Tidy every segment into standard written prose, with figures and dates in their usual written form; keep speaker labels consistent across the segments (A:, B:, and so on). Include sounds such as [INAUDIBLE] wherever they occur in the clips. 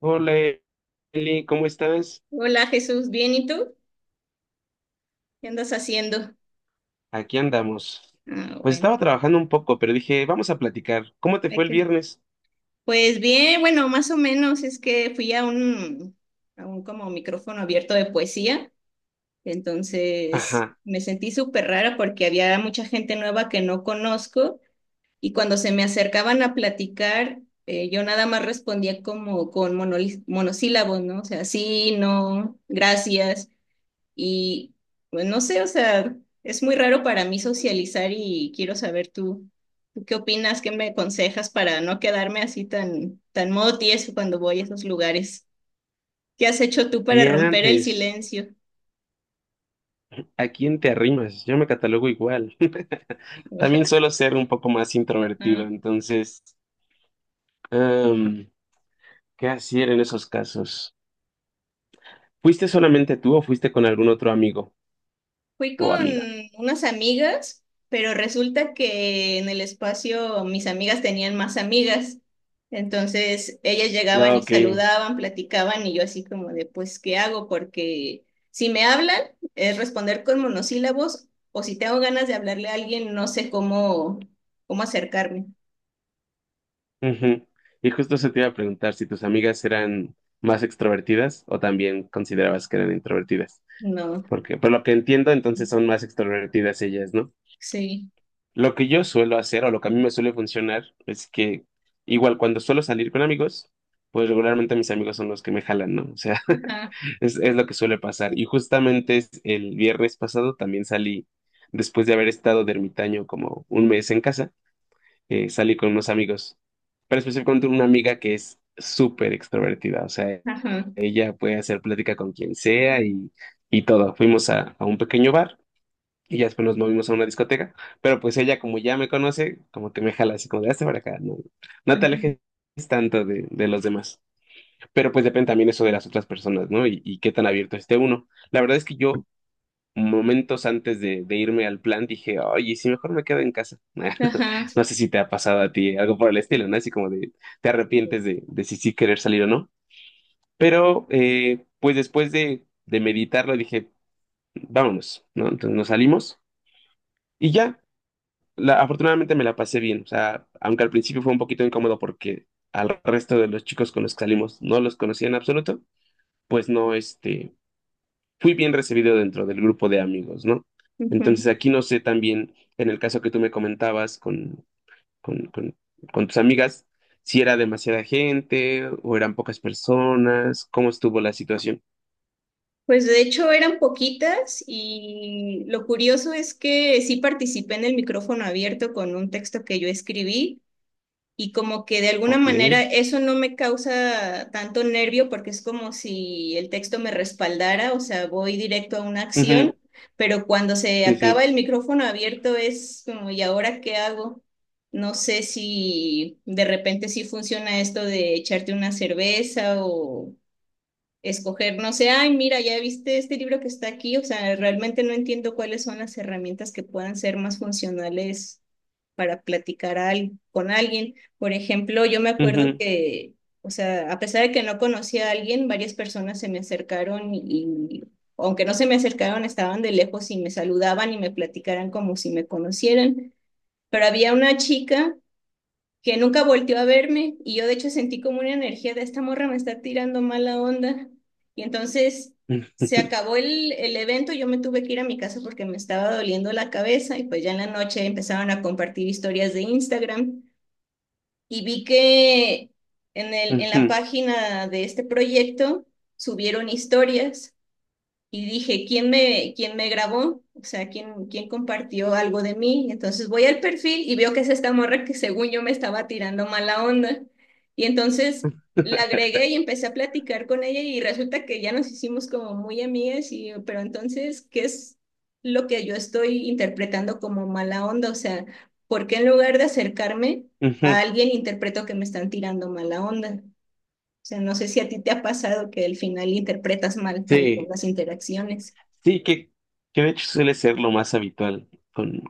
A: Hola, Eli, ¿cómo estás?
B: Hola Jesús, ¿bien y tú? ¿Qué andas haciendo?
A: Aquí andamos.
B: Ah,
A: Pues
B: bueno.
A: estaba trabajando un poco, pero dije, vamos a platicar. ¿Cómo te fue
B: Ok.
A: el viernes?
B: Pues bien, bueno, más o menos es que fui a un como micrófono abierto de poesía, entonces
A: Ajá,
B: me sentí súper rara porque había mucha gente nueva que no conozco y cuando se me acercaban a platicar, yo nada más respondía como con monosílabos, ¿no? O sea, sí, no, gracias. Y bueno, no sé, o sea, es muy raro para mí socializar y quiero saber tú, ¿tú qué opinas, qué me aconsejas para no quedarme así tan, tan modo tieso cuando voy a esos lugares? ¿Qué has hecho tú para romper el
A: diantres.
B: silencio?
A: ¿A quién te arrimas? Yo me catalogo igual. [LAUGHS] También suelo ser un poco más introvertido,
B: [LAUGHS]
A: entonces, em, ¿qué hacer en esos casos? ¿Fuiste solamente tú o fuiste con algún otro amigo
B: Fui
A: o
B: con
A: amiga?
B: unas amigas, pero resulta que en el espacio mis amigas tenían más amigas. Entonces ellas
A: Ah,
B: llegaban y
A: ok.
B: saludaban, platicaban y yo así como de, pues, ¿qué hago? Porque si me hablan es responder con monosílabos, o si tengo ganas de hablarle a alguien no sé cómo, cómo acercarme.
A: Ujú. Y justo se te iba a preguntar si tus amigas eran más extrovertidas o también considerabas que eran introvertidas.
B: No,
A: Porque, por lo que entiendo, entonces son más extrovertidas ellas, ¿no?
B: sí.
A: Lo que yo suelo hacer o lo que a mí me suele funcionar es que, igual cuando suelo salir con amigos, pues regularmente mis amigos son los que me jalan, ¿no? O sea, [LAUGHS]
B: Ajá,
A: es lo que suele pasar. Y justamente es el viernes pasado también salí, después de haber estado de ermitaño como un mes en casa, salí con unos amigos, pero específicamente una amiga que es súper extrovertida, o sea,
B: ajá,
A: ella puede hacer plática con quien sea y todo. Fuimos a un pequeño bar y ya después nos movimos a una discoteca. Pero pues ella, como ya me conoce, como que me jala así como de hazte para acá. No, no te
B: ajá,
A: alejes tanto de los demás. Pero pues depende también eso de las otras personas, ¿no? Y qué tan abierto esté uno. La verdad es que yo, momentos antes de irme al plan, dije, oye, si mejor me quedo en casa.
B: ajá,
A: [LAUGHS] No sé si te ha pasado a ti algo por el estilo, ¿no? Así como de te
B: sí.
A: arrepientes de si sí querer salir o no. Pero pues después de meditarlo, dije, vámonos, ¿no? Entonces nos salimos. Y ya, afortunadamente me la pasé bien, o sea, aunque al principio fue un poquito incómodo porque al resto de los chicos con los que salimos no los conocía en absoluto, pues no, fui bien recibido dentro del grupo de amigos, ¿no?
B: Ujú.
A: Entonces aquí no sé también, en el caso que tú me comentabas con, con, con, con tus amigas, si era demasiada gente o eran pocas personas, cómo estuvo la situación.
B: Pues de hecho eran poquitas y lo curioso es que sí participé en el micrófono abierto con un texto que yo escribí, y como que de alguna
A: Ok.
B: manera eso no me causa tanto nervio porque es como si el texto me respaldara, o sea, voy directo a una
A: Ujú.
B: acción, pero cuando se
A: Sí,
B: acaba
A: sí.
B: el micrófono abierto es como, ¿y ahora qué hago? No sé si de repente sí funciona esto de echarte una cerveza o escoger, no sé, ay, mira, ya viste este libro que está aquí, o sea, realmente no entiendo cuáles son las herramientas que puedan ser más funcionales para platicar con alguien. Por ejemplo, yo me acuerdo
A: Ujú.
B: que, o sea, a pesar de que no conocía a alguien, varias personas se me acercaron y, aunque no se me acercaron, estaban de lejos y me saludaban y me platicaran como si me conocieran. Pero había una chica que nunca volteó a verme y yo de hecho sentí como una energía de esta morra me está tirando mala onda. Y entonces
A: [LAUGHS]
B: se
A: Ujú,
B: acabó el evento, yo me tuve que ir a mi casa porque me estaba doliendo la cabeza y pues ya en la noche empezaron a compartir historias de Instagram y vi que en la
A: ujú.
B: página de este proyecto subieron historias y dije, quién me grabó? O sea, quién compartió algo de mí? Entonces voy al perfil y veo que es esta morra que según yo me estaba tirando mala onda. Y entonces la agregué y empecé a platicar con ella y resulta que ya nos hicimos como muy amigas y yo, pero entonces, ¿qué es lo que yo estoy interpretando como mala onda? O sea, ¿por qué en lugar de acercarme a alguien interpreto que me están tirando mala onda? O sea, no sé si a ti te ha pasado que al final interpretas mal también
A: Sí.
B: las interacciones.
A: Sí, que de hecho suele ser lo más habitual con,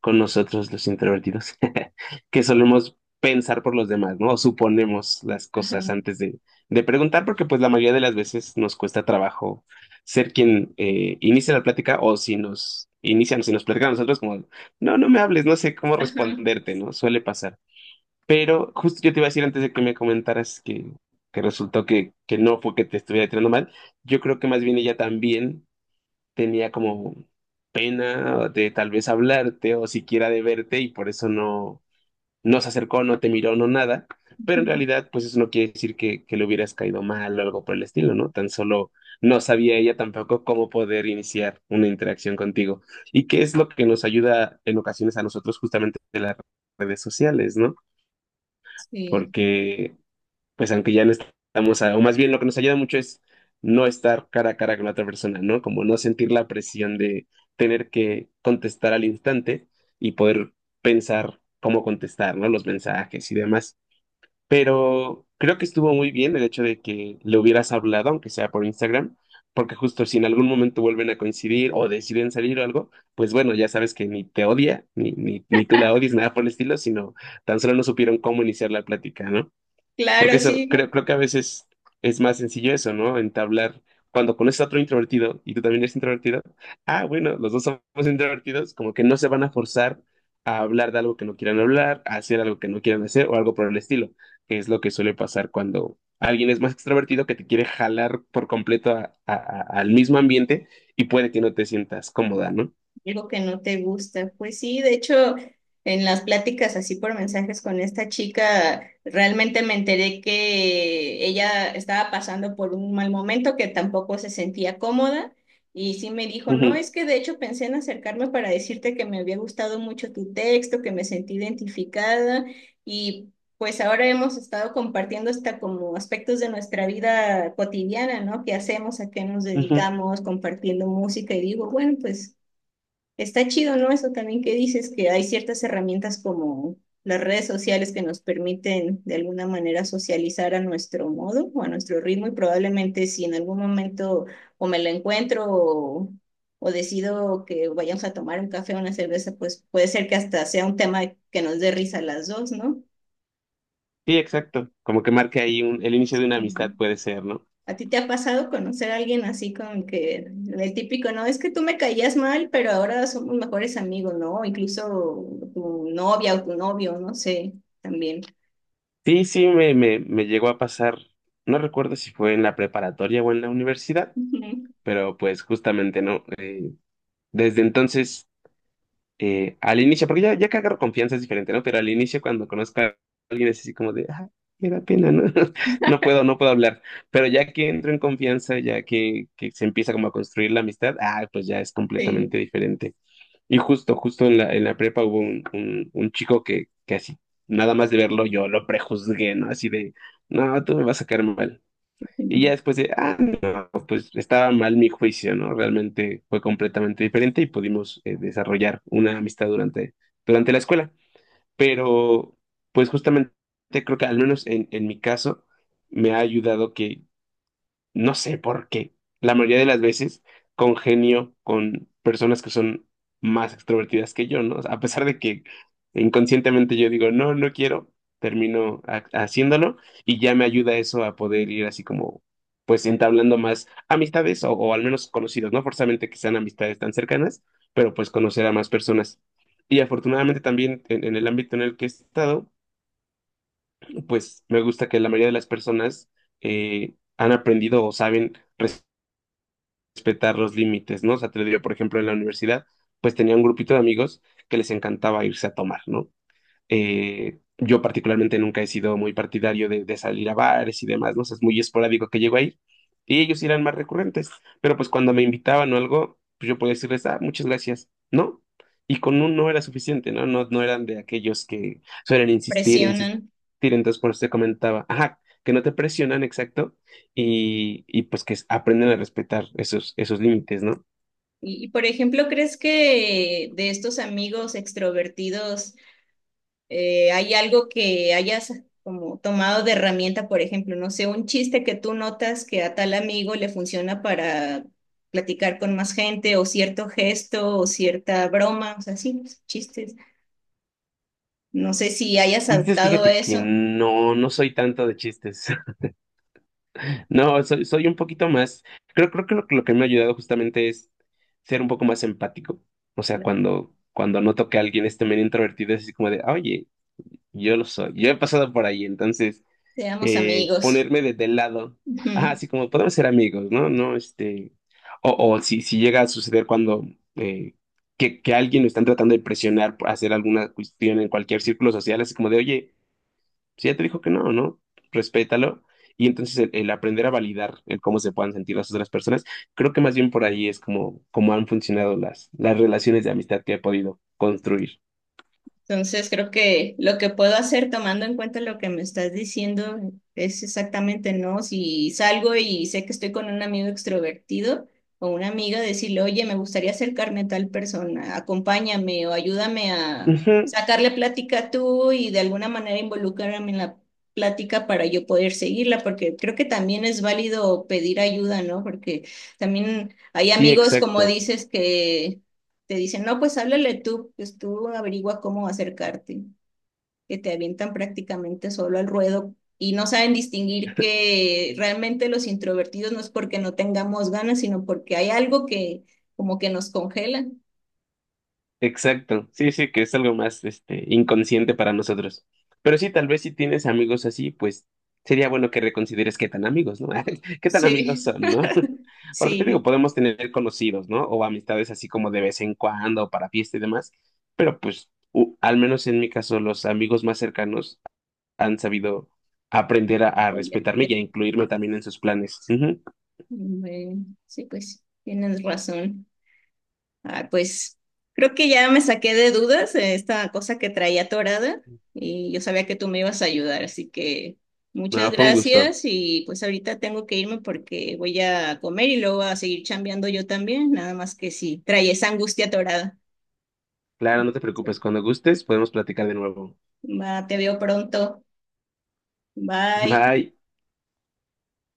A: con nosotros los introvertidos, [LAUGHS] que solemos pensar por los demás, ¿no? O suponemos las
B: Ajá,
A: cosas antes de preguntar, porque pues la mayoría de las veces nos cuesta trabajo ser quien inicia la plática, o si nos inician, si nos platican a nosotros como, no, no me hables, no sé cómo
B: ajá.
A: responderte, ¿no? Suele pasar. Pero justo yo te iba a decir antes de que me comentaras que resultó que no fue que te estuviera tirando mal. Yo creo que más bien ella también tenía como pena de tal vez hablarte o siquiera de verte, y por eso no, no se acercó, no te miró, no nada. Pero en
B: [LAUGHS]
A: realidad, pues eso no quiere decir que le hubieras caído mal o algo por el estilo, ¿no? Tan solo no sabía ella tampoco cómo poder iniciar una interacción contigo. ¿Y qué es lo que nos ayuda en ocasiones a nosotros justamente de las redes sociales, ¿no?
B: Sí,
A: Porque, pues aunque ya no estamos, o más bien lo que nos ayuda mucho es no estar cara a cara con la otra persona, ¿no? Como no sentir la presión de tener que contestar al instante y poder pensar cómo contestar, ¿no? Los mensajes y demás. Pero creo que estuvo muy bien el hecho de que le hubieras hablado, aunque sea por Instagram, porque justo si en algún momento vuelven a coincidir o deciden salir o algo, pues bueno, ya sabes que ni te odia, ni, ni, ni tú la odies, nada por el estilo, sino tan solo no supieron cómo iniciar la plática, ¿no? Porque
B: claro,
A: eso,
B: sí,
A: creo, creo que a veces es más sencillo eso, ¿no? Entablar, cuando conoces a otro introvertido y tú también eres introvertido, ah, bueno, los dos somos [LAUGHS] introvertidos, como que no se van a forzar a hablar de algo que no quieran hablar, a hacer algo que no quieran hacer o algo por el estilo, que es lo que suele pasar cuando alguien es más extrovertido que te quiere jalar por completo al mismo ambiente, y puede que no te sientas cómoda, ¿no?
B: algo que no te gusta. Pues sí, de hecho, en las pláticas así por mensajes con esta chica, realmente me enteré que ella estaba pasando por un mal momento, que tampoco se sentía cómoda. Y sí me dijo, no, es que de hecho pensé en acercarme para decirte que me había gustado mucho tu texto, que me sentí identificada, y pues ahora hemos estado compartiendo hasta como aspectos de nuestra vida cotidiana, ¿no? ¿Qué hacemos? ¿A qué nos
A: Ujú, ujú.
B: dedicamos? Compartiendo música y digo, bueno, pues está chido, ¿no? Eso también que dices, que hay ciertas herramientas como las redes sociales que nos permiten de alguna manera socializar a nuestro modo o a nuestro ritmo, y probablemente si en algún momento o me lo encuentro, o decido que vayamos a tomar un café o una cerveza, pues puede ser que hasta sea un tema que nos dé risa a las dos, ¿no?
A: Sí, exacto. Como que marque ahí un, el inicio de una amistad puede ser, ¿no?
B: ¿A ti te ha pasado conocer a alguien así con que el típico, no, es que tú me caías mal, pero ahora somos mejores amigos, ¿no? O incluso tu novia o tu novio, no sé, también.
A: Sí, sí, me, me llegó a pasar, no recuerdo si fue en la preparatoria o en la universidad,
B: Ujú,
A: pero pues justamente no. Desde entonces, al inicio, porque ya, ya que agarro confianza es diferente, ¿no? Pero al inicio, cuando conozco a alguien, es así como de, ah, me da pena, ¿no? [LAUGHS] No puedo, no puedo hablar. Pero ya que entro en confianza, ya que se empieza como a construir la amistad, ah, pues ya es completamente
B: sí.
A: diferente. Y justo, justo en la prepa hubo un, un chico que así, nada más de verlo, yo lo prejuzgué, ¿no? Así de, no, tú me vas a caer mal.
B: Ujú.
A: Y ya después de, ah, no, pues estaba mal mi juicio, ¿no? Realmente fue completamente diferente y pudimos desarrollar una amistad durante, durante la escuela. Pero, pues justamente creo que al menos en mi caso me ha ayudado que, no sé por qué. La mayoría de las veces congenio con personas que son más extrovertidas que yo, ¿no? O sea, a pesar de que inconscientemente yo digo, no, no quiero, termino haciéndolo, y ya me ayuda eso a poder ir así como, pues entablando más amistades, o al menos conocidos, no forzamente que sean amistades tan cercanas, pero pues conocer a más personas. Y afortunadamente también en el ámbito en el que he estado, pues me gusta que la mayoría de las personas han aprendido o saben respetar los límites, ¿no? O sea, te lo digo, por ejemplo, en la universidad, pues tenía un grupito de amigos que les encantaba irse a tomar, ¿no? Yo particularmente nunca he sido muy partidario de salir a bares y demás, ¿no? O sea, es muy esporádico que llego ahí. Y ellos sí eran más recurrentes. Pero pues cuando me invitaban o algo, pues yo podía decirles, ah, muchas gracias, ¿no? Y con un no era suficiente, ¿no? No, no eran de aquellos que suelen insistir, insistir.
B: Presionan.
A: Entonces por eso te comentaba, ajá, que no te presionan, exacto. Y pues que aprenden a respetar esos, esos límites, ¿no?
B: Por ejemplo, ¿crees que de estos amigos extrovertidos hay algo que hayas como tomado de herramienta? Por ejemplo, no sé, un chiste que tú notas que a tal amigo le funciona para platicar con más gente, o cierto gesto, o cierta broma, o sea, sí, chistes. No sé si hayas
A: Y dices,
B: adoptado
A: fíjate que
B: eso.
A: no, no soy tanto de chistes. No, soy, soy un poquito más. Creo, creo que lo que me ha ayudado justamente es ser un poco más empático. O sea,
B: Claro.
A: cuando, cuando noto que alguien es también introvertido, es así como de, "Ah, oye, yo lo soy, yo he pasado por ahí, entonces
B: Seamos amigos.
A: ponerme desde el lado. Ah,
B: Ujú.
A: así como podemos ser amigos, ¿no? No, este. O si, si llega a suceder cuando eh, que alguien lo están tratando de presionar por hacer alguna cuestión en cualquier círculo social, así como de, oye, si ya te dijo que no, ¿no? Respétalo. Y entonces el aprender a validar el cómo se puedan sentir las otras personas, creo que más bien por ahí es como, como han funcionado las relaciones de amistad que he podido construir.
B: Entonces creo que lo que puedo hacer tomando en cuenta lo que me estás diciendo es exactamente, ¿no? Si salgo y sé que estoy con un amigo extrovertido o una amiga, decirle, oye, me gustaría acercarme a tal persona, acompáñame o ayúdame a
A: Ujú.
B: sacarle plática tú, y de alguna manera involucrarme en la plática para yo poder seguirla, porque creo que también es válido pedir ayuda, ¿no? Porque también hay
A: Sí,
B: amigos, como
A: exacto.
B: dices, que te dicen, no, pues háblale tú, pues tú averigua cómo acercarte, que te avientan prácticamente solo al ruedo y no saben distinguir que realmente los introvertidos no es porque no tengamos ganas, sino porque hay algo que como que nos congela.
A: Exacto, sí, sí, que es algo más, este, inconsciente para nosotros. Pero sí, tal vez si tienes amigos así, pues sería bueno que reconsideres qué tan amigos, ¿no? [LAUGHS] ¿Qué tan amigos
B: Sí,
A: son, ¿no?
B: [LAUGHS]
A: [LAUGHS] Porque te digo,
B: sí,
A: podemos tener conocidos, ¿no? O amistades así como de vez en cuando, para fiesta y demás, pero pues, al menos en mi caso, los amigos más cercanos han sabido aprender a respetarme
B: obviamente.
A: y a incluirme también en sus planes. Ujú.
B: Bueno, sí, pues tienes razón. Ah, pues creo que ya me saqué de dudas, esta cosa que traía atorada, y yo sabía que tú me ibas a ayudar, así que muchas
A: No, fue un gusto.
B: gracias, y pues ahorita tengo que irme porque voy a comer y luego a seguir chambeando yo también, nada más que si traía esa angustia atorada.
A: Claro, no te preocupes, cuando gustes podemos platicar de nuevo.
B: Va, te veo pronto. Bye.
A: Bye.